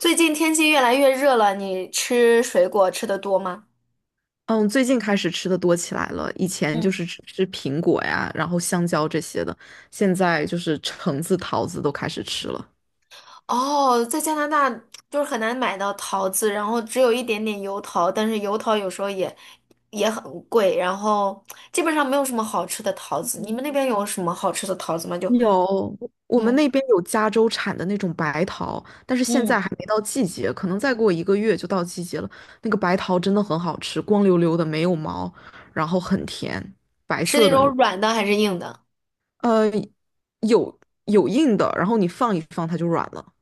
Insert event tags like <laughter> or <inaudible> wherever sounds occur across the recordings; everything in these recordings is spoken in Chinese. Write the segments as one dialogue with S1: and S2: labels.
S1: 最近天气越来越热了，你吃水果吃的多吗？
S2: 嗯，最近开始吃的多起来了，以前就
S1: 嗯。
S2: 是吃吃苹果呀，然后香蕉这些的，现在就是橙子、桃子都开始吃了。
S1: 哦，在加拿大就是很难买到桃子，然后只有一点点油桃，但是油桃有时候也很贵，然后基本上没有什么好吃的桃子。你们那边有什么好吃的桃子吗？就，
S2: 有，我们
S1: 嗯，
S2: 那边有加州产的那种白桃，但是现在
S1: 嗯，
S2: 还没到季节，可能再过一个月就到季节了。那个白桃真的很好吃，光溜溜的，没有毛，然后很甜，白
S1: 是
S2: 色
S1: 那
S2: 的那
S1: 种
S2: 种
S1: 软的还是硬的？
S2: 呃，有硬的，然后你放一放它就软了，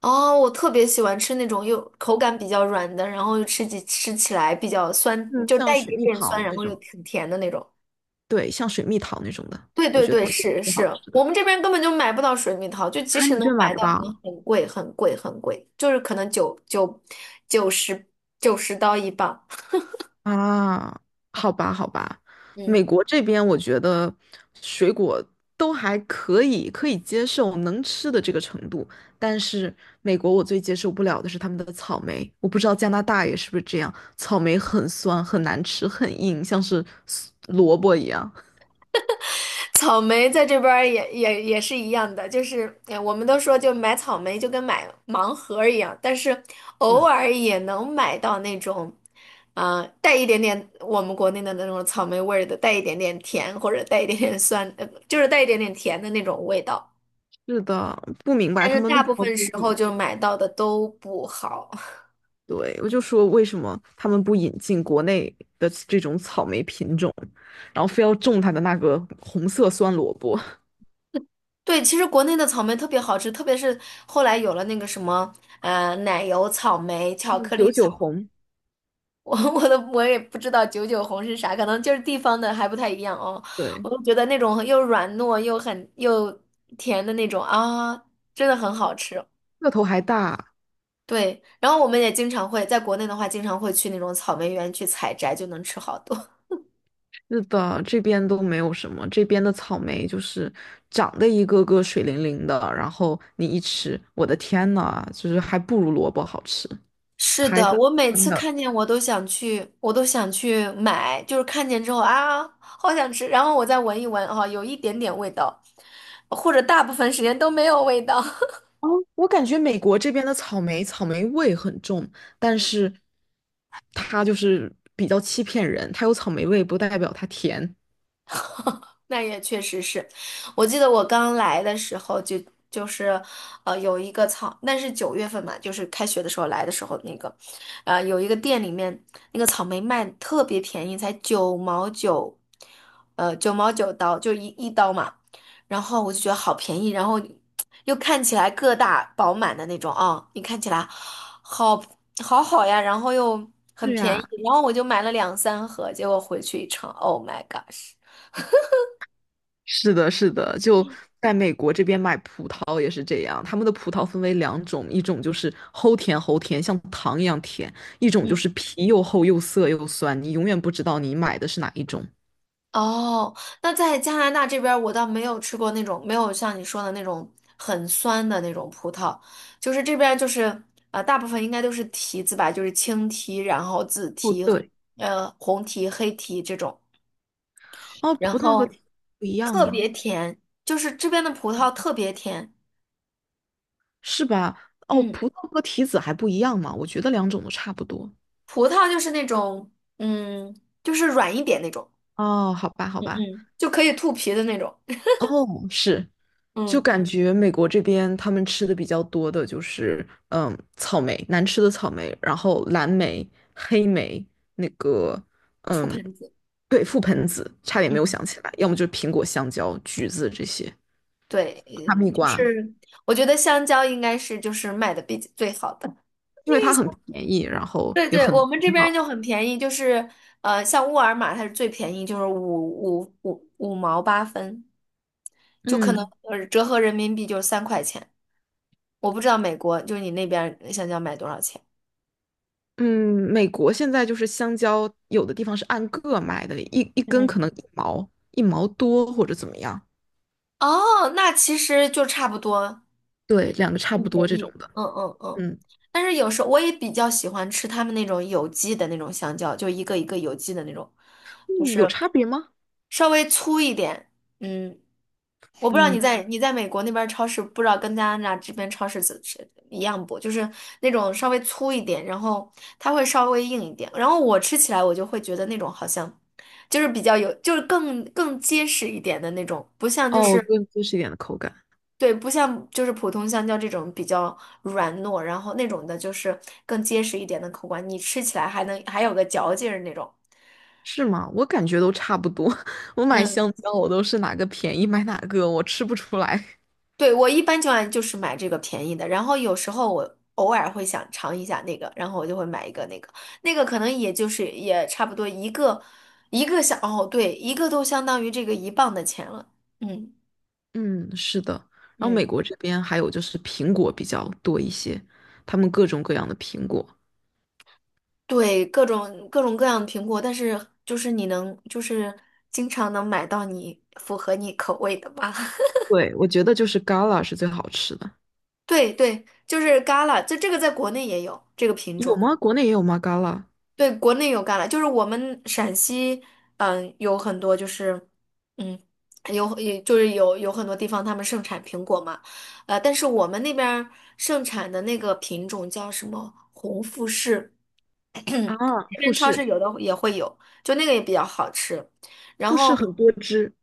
S1: 哦，我特别喜欢吃那种又口感比较软的，然后又吃起来比较酸，
S2: 嗯，
S1: 就带
S2: 像
S1: 一
S2: 水
S1: 点
S2: 蜜
S1: 点酸，
S2: 桃
S1: 然
S2: 那
S1: 后又
S2: 种。
S1: 挺甜的那种。
S2: 对，像水蜜桃那种的，
S1: 对
S2: 我
S1: 对
S2: 觉得
S1: 对，
S2: 是
S1: 是
S2: 最好
S1: 是。
S2: 吃的。
S1: 我们这边根本就买不到水蜜桃，就即
S2: 啊，你
S1: 使
S2: 们
S1: 能
S2: 这买
S1: 买
S2: 不
S1: 到，可能
S2: 到
S1: 很贵很贵很贵，就是可能九十九十刀一磅。
S2: 啊？好吧，好吧，
S1: 嗯。
S2: 美国这边我觉得水果都还可以，可以接受能吃的这个程度，但是美国我最接受不了的是他们的草莓，我不知道加拿大也是不是这样，草莓很酸，很难吃，很硬，像是萝卜一样。
S1: 草莓在这边儿也是一样的，就是哎我们都说就买草莓就跟买盲盒儿一样，但是偶
S2: 嗯，
S1: 尔也能买到那种，啊、带一点点我们国内的那种草莓味儿的，带一点点甜或者带一点点酸，就是带一点点甜的那种味道。
S2: 是的，不明白
S1: 但
S2: 他
S1: 是
S2: 们为
S1: 大
S2: 什
S1: 部
S2: 么
S1: 分
S2: 不
S1: 时候就买到的都不好。<laughs>
S2: 对，我就说为什么他们不引进国内的这种草莓品种，然后非要种它的那个红色酸萝卜，
S1: 对，其实国内的草莓特别好吃，特别是后来有了那个什么，奶油草莓、巧
S2: 嗯，
S1: 克力
S2: 九
S1: 草，
S2: 九红，
S1: 我也不知道九九红是啥，可能就是地方的还不太一样哦。我
S2: 对，
S1: 就觉得那种又软糯又很又甜的那种啊，真的很好吃。
S2: 个头还大。
S1: 对，然后我们也经常会在国内的话，经常会去那种草莓园去采摘，就能吃好多。
S2: 是的，这边都没有什么，这边的草莓就是长得一个个水灵灵的，然后你一吃，我的天呐，就是还不如萝卜好吃，
S1: 是
S2: 它还
S1: 的，
S2: 是
S1: 我每
S2: 酸
S1: 次
S2: 的。
S1: 看见我都想去，我都想去买，就是看见之后啊，好想吃，然后我再闻一闻，啊，有一点点味道，或者大部分时间都没有味道。
S2: 哦，我感觉美国这边的草莓草莓味很重，但是它就是比较欺骗人，它有草莓味不代表它甜。
S1: <laughs> 那也确实是。我记得我刚来的时候就是，有一个草，那是9月份嘛，就是开学的时候来的时候那个，有一个店里面那个草莓卖得特别便宜，才九毛九，$0.99，就一刀嘛，然后我就觉得好便宜，然后又看起来个大饱满的那种啊，你看起来好好好呀，然后又很
S2: 是
S1: 便宜，
S2: 呀，
S1: 然后我就买了2、3盒，结果回去一尝，Oh my gosh！
S2: 是的，是的，就在美国这边买葡萄也是这样，他们的葡萄分为两种，一种就是齁甜齁甜，像糖一样甜，一种就
S1: 嗯。
S2: 是皮又厚又涩又酸，你永远不知道你买的是哪一种。
S1: 哦，那在加拿大这边儿，我倒没有吃过那种没有像你说的那种很酸的那种葡萄，就是这边儿就是大部分应该都是提子吧，就是青提，然后紫
S2: 哦，
S1: 提，
S2: 对，
S1: 红提、黑提这种，
S2: 哦，
S1: 然
S2: 葡萄和
S1: 后
S2: 提子不一样
S1: 特
S2: 吗？
S1: 别甜，就是这边的葡萄特别甜。
S2: 是吧？哦，
S1: 嗯。
S2: 葡萄和提子还不一样吗？我觉得两种都差不多。
S1: 葡萄就是那种嗯，就是软一点那种。
S2: 哦，好吧，好
S1: 嗯
S2: 吧，
S1: 嗯，就可以吐皮的那种。
S2: 哦，是，就
S1: 嗯，
S2: 感觉美国这边他们吃的比较多的就是，嗯，草莓，难吃的草莓，然后蓝莓、黑莓，那个，
S1: 吐
S2: 嗯，
S1: 盆子。
S2: 对，覆盆子，差点没有
S1: 嗯。
S2: 想起来，要么就是苹果、香蕉、橘子这些，
S1: 对，
S2: 哈密
S1: 就
S2: 瓜，
S1: 是我觉得香蕉应该是就是卖的比最好的。
S2: 因为它很便宜，然后
S1: 对
S2: 也
S1: 对，
S2: 很
S1: 我们这
S2: 环
S1: 边
S2: 保。
S1: 就很便宜，就是像沃尔玛它是最便宜，就是五毛八分，就可能
S2: 嗯
S1: 折合人民币就是3块钱。我不知道美国就是你那边香蕉卖多少钱。
S2: 嗯，美国现在就是香蕉，有的地方是按个卖的，一一
S1: 嗯
S2: 根可
S1: 嗯。
S2: 能一毛一毛多或者怎么样。
S1: 哦，那其实就差不多，
S2: 对，两个差
S1: 很
S2: 不多
S1: 便
S2: 这
S1: 宜。
S2: 种的。
S1: 嗯嗯嗯，
S2: 嗯
S1: 但是有时候我也比较喜欢吃他们那种有机的那种香蕉，就一个一个有机的那种，就
S2: 嗯，有
S1: 是
S2: 差别吗？
S1: 稍微粗一点。嗯，我不知道你
S2: 嗯，
S1: 在你在美国那边儿超市，不知道跟加拿大这边超市怎是一样不？就是那种稍微粗一点，然后它会稍微硬一点。然后我吃起来，我就会觉得那种好像就是比较有，就是更结实一点的那种，不像就
S2: 哦，
S1: 是。
S2: 更结实一点的口感
S1: 对，不像就是普通香蕉这种比较软糯，然后那种的就是更结实一点的口感，你吃起来还能还有个嚼劲儿那种。
S2: 是吗？我感觉都差不多。<laughs> 我买
S1: 嗯，
S2: 香蕉，我都是哪个便宜买哪个，我吃不出来。
S1: 对，我一般情况下就是买这个便宜的，然后有时候我偶尔会想尝一下那个，然后我就会买一个那个，那个可能也就是也差不多一个一个相，哦，对，一个都相当于这个一磅的钱了。嗯
S2: 嗯，是的。然后
S1: 嗯。
S2: 美国这边还有就是苹果比较多一些，他们各种各样的苹果。
S1: 对，各种各样的苹果，但是就是你能就是经常能买到你符合你口味的吧？<laughs>
S2: 对，我觉得就是 Gala 是最好吃的。
S1: 对对，就是 Gala，这个在国内也有这个品
S2: 有
S1: 种。
S2: 吗？国内也有吗？Gala
S1: 对，国内有 g a 就是我们陕西，嗯，有很多就是，嗯，有也就是有有很多地方他们盛产苹果嘛，但是我们那边儿盛产的那个品种叫什么红富士。
S2: 啊，
S1: 这
S2: 富
S1: 边超
S2: 士，
S1: 市有的也会有，就那个也比较好吃。然
S2: 富士
S1: 后，
S2: 很多汁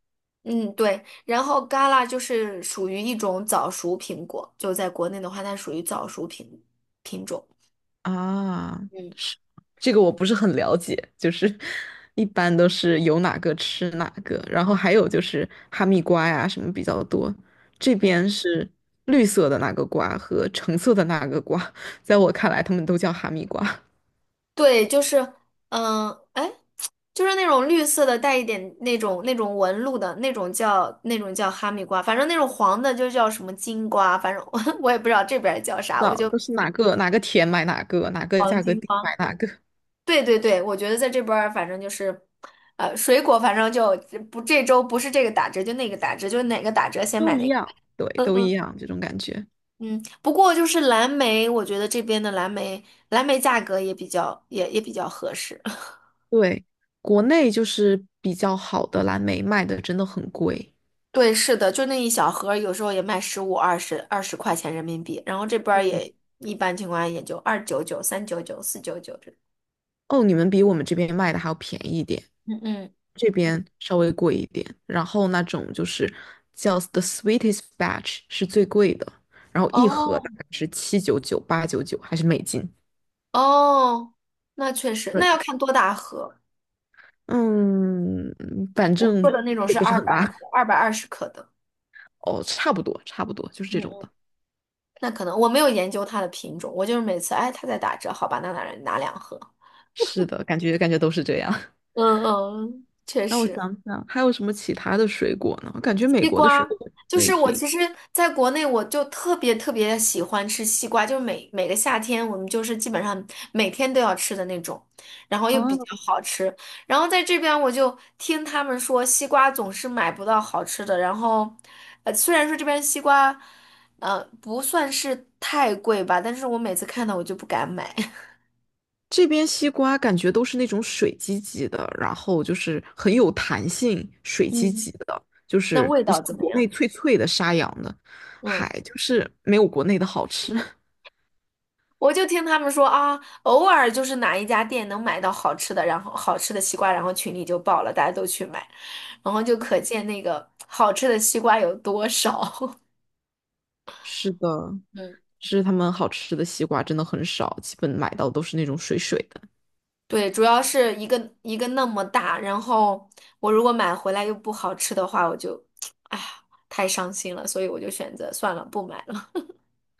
S1: 嗯，对，然后嘎啦就是属于一种早熟苹果，就在国内的话，它属于早熟品种。
S2: 啊。
S1: 嗯
S2: 这个我不是很了解，就是 <laughs> 一般都是有哪个吃哪个，然后还有就是哈密瓜呀什么比较多。这
S1: 嗯。
S2: 边是绿色的那个瓜和橙色的那个瓜，在我看来，他们都叫哈密瓜，<laughs>
S1: 对，就是，哎，就是那种绿色的，带一点那种纹路的那种叫哈密瓜，反正那种黄的就叫什么金瓜，反正我 <laughs> 我也不知道这边儿叫
S2: 不知
S1: 啥，我
S2: 道
S1: 就
S2: 都是哪个哪个甜买哪个，哪个
S1: 黄
S2: 价格
S1: 金
S2: 低
S1: 瓜。
S2: 买哪个，
S1: 对对对，我觉得在这边儿反正就是，水果反正就不这周不是这个打折就那个打折，就哪个打折先
S2: 都
S1: 买哪
S2: 一
S1: 个呗。
S2: 样，对，
S1: 嗯
S2: 都一
S1: 嗯
S2: 样这种感觉。
S1: 嗯，不过就是蓝莓，我觉得这边的蓝莓价格也比较合适。<laughs>
S2: 对，国内就是比较好的蓝莓卖的真的很贵。
S1: 对，是的，就那一小盒儿有时候也卖15、20、20块钱人民币，然后这边儿
S2: 嗯，
S1: 也一般情况下也就2.99、3.99、4.99这种。
S2: 哦，你们比我们这边卖的还要便宜一点。
S1: 嗯嗯，
S2: 这边稍微贵一点，然后那种就是叫 The Sweetest Batch 是最贵的，然后一盒
S1: 哦
S2: 大概是7.99、8.99，还是美金？
S1: 哦，那确实，
S2: 对，
S1: 那要看多大盒。
S2: 嗯，反
S1: 我喝
S2: 正
S1: 的那种
S2: 也
S1: 是
S2: 不是
S1: 二
S2: 很
S1: 百
S2: 大，
S1: 克、220克的，
S2: 哦，差不多，差不多就是这
S1: 嗯
S2: 种
S1: 嗯，
S2: 的。
S1: 那可能我没有研究它的品种，我就是每次哎它在打折，好吧，那拿2盒。
S2: 是的，感觉都是这样。<laughs>
S1: 嗯嗯，嗯确
S2: 让我想
S1: 实。
S2: 想，还有什么其他的水果呢？我感觉美
S1: 西
S2: 国的
S1: 瓜，
S2: 水果
S1: 就
S2: 类
S1: 是我
S2: 挺……
S1: 其实在国内我就特别特别喜欢吃西瓜，就是每个夏天我们就是基本上每天都要吃的那种，然后又比较
S2: 啊。
S1: 好吃。然后在这边我就听他们说西瓜总是买不到好吃的，然后虽然说这边西瓜不算是太贵吧，但是我每次看到我就不敢买。<laughs>
S2: 这边西瓜感觉都是那种水唧唧的，然后就是很有弹性，水唧
S1: 嗯。
S2: 唧的，就
S1: 那
S2: 是
S1: 味
S2: 不
S1: 道
S2: 像
S1: 怎么
S2: 国
S1: 样？
S2: 内脆脆的沙瓤的，
S1: 嗯。
S2: 还就是没有国内的好吃。<laughs>
S1: 我就听他们说啊，偶尔就是哪一家店能买到好吃的，然后好吃的西瓜，然后群里就爆了，大家都去买，然后就可见那个好吃的西瓜有多少。<laughs>
S2: 是的，
S1: 嗯，
S2: 是他们好吃的西瓜真的很少，基本买到都是那种水水的。
S1: 对，主要是一个一个那么大，然后我如果买回来又不好吃的话，我就，<tsk> 哎呀，太伤心了，所以我就选择算了，不买了。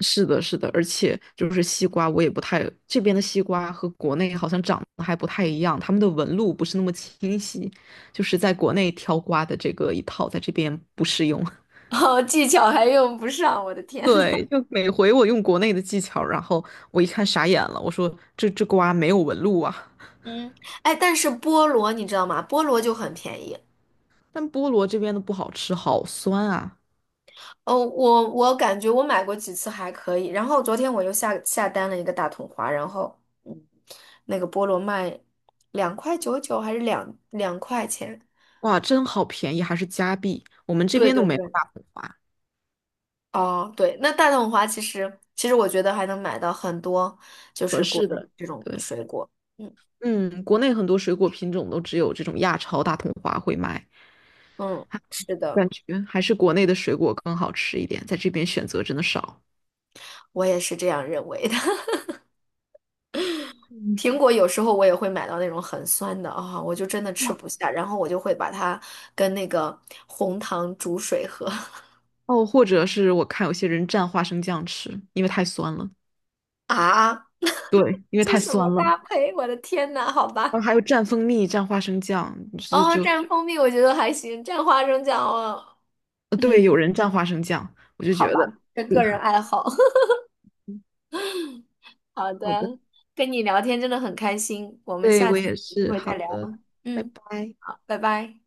S2: 是的，是的，而且就是西瓜，我也不太，这边的西瓜和国内好像长得还不太一样，他们的纹路不是那么清晰，就是在国内挑瓜的这个一套，在这边不适用。
S1: <laughs> 哦，技巧还用不上，我的天呐。
S2: 对，就每回我用国内的技巧，然后我一看傻眼了，我说这瓜没有纹路啊。
S1: 嗯，哎，但是菠萝你知道吗？菠萝就很便宜。
S2: 但菠萝这边的不好吃，好酸啊！
S1: 哦，我感觉我买过几次还可以，然后昨天我又下单了一个大桶花，然后嗯，那个菠萝卖2.99还是两块钱？
S2: 哇，真好便宜，还是加币。我们这
S1: 对
S2: 边都
S1: 对
S2: 没有
S1: 对。
S2: 大统花
S1: 哦，对，那大桶花其实我觉得还能买到很多就
S2: 合
S1: 是果
S2: 适的，
S1: 这种
S2: 对，
S1: 水果，嗯
S2: 嗯，国内很多水果品种都只有这种亚超大统花会卖，
S1: 嗯，是的，
S2: 感觉还是国内的水果更好吃一点，在这边选择真的少。
S1: 我也是这样认为的。<laughs>
S2: 嗯，
S1: 苹果有时候我也会买到那种很酸的啊，我就真的吃
S2: 哇，
S1: 不下，然后我就会把它跟那个红糖煮水喝
S2: 哦，或者是我看有些人蘸花生酱吃，因为太酸了。
S1: <laughs> 啊。
S2: 对，因为
S1: 是
S2: 太
S1: 什么
S2: 酸了。
S1: 搭配？我的天呐，好
S2: 然
S1: 吧。
S2: 后还有蘸蜂蜜、蘸花生酱，就是
S1: 哦，
S2: 就
S1: 蘸蜂蜜我觉得还行，蘸花生酱哦，
S2: 呃，对，
S1: 嗯，
S2: 有人蘸花生酱，我就觉
S1: 好吧，
S2: 得
S1: 这
S2: 厉
S1: 个人
S2: 害。
S1: 爱好。<laughs>
S2: 嗯
S1: 好
S2: 好的，
S1: 的，跟你聊天真的很开心，我们
S2: 对，
S1: 下
S2: 我
S1: 次
S2: 也
S1: 有机
S2: 是。
S1: 会
S2: 好
S1: 再聊。
S2: 的，拜
S1: 嗯，
S2: 拜。
S1: 好，拜拜。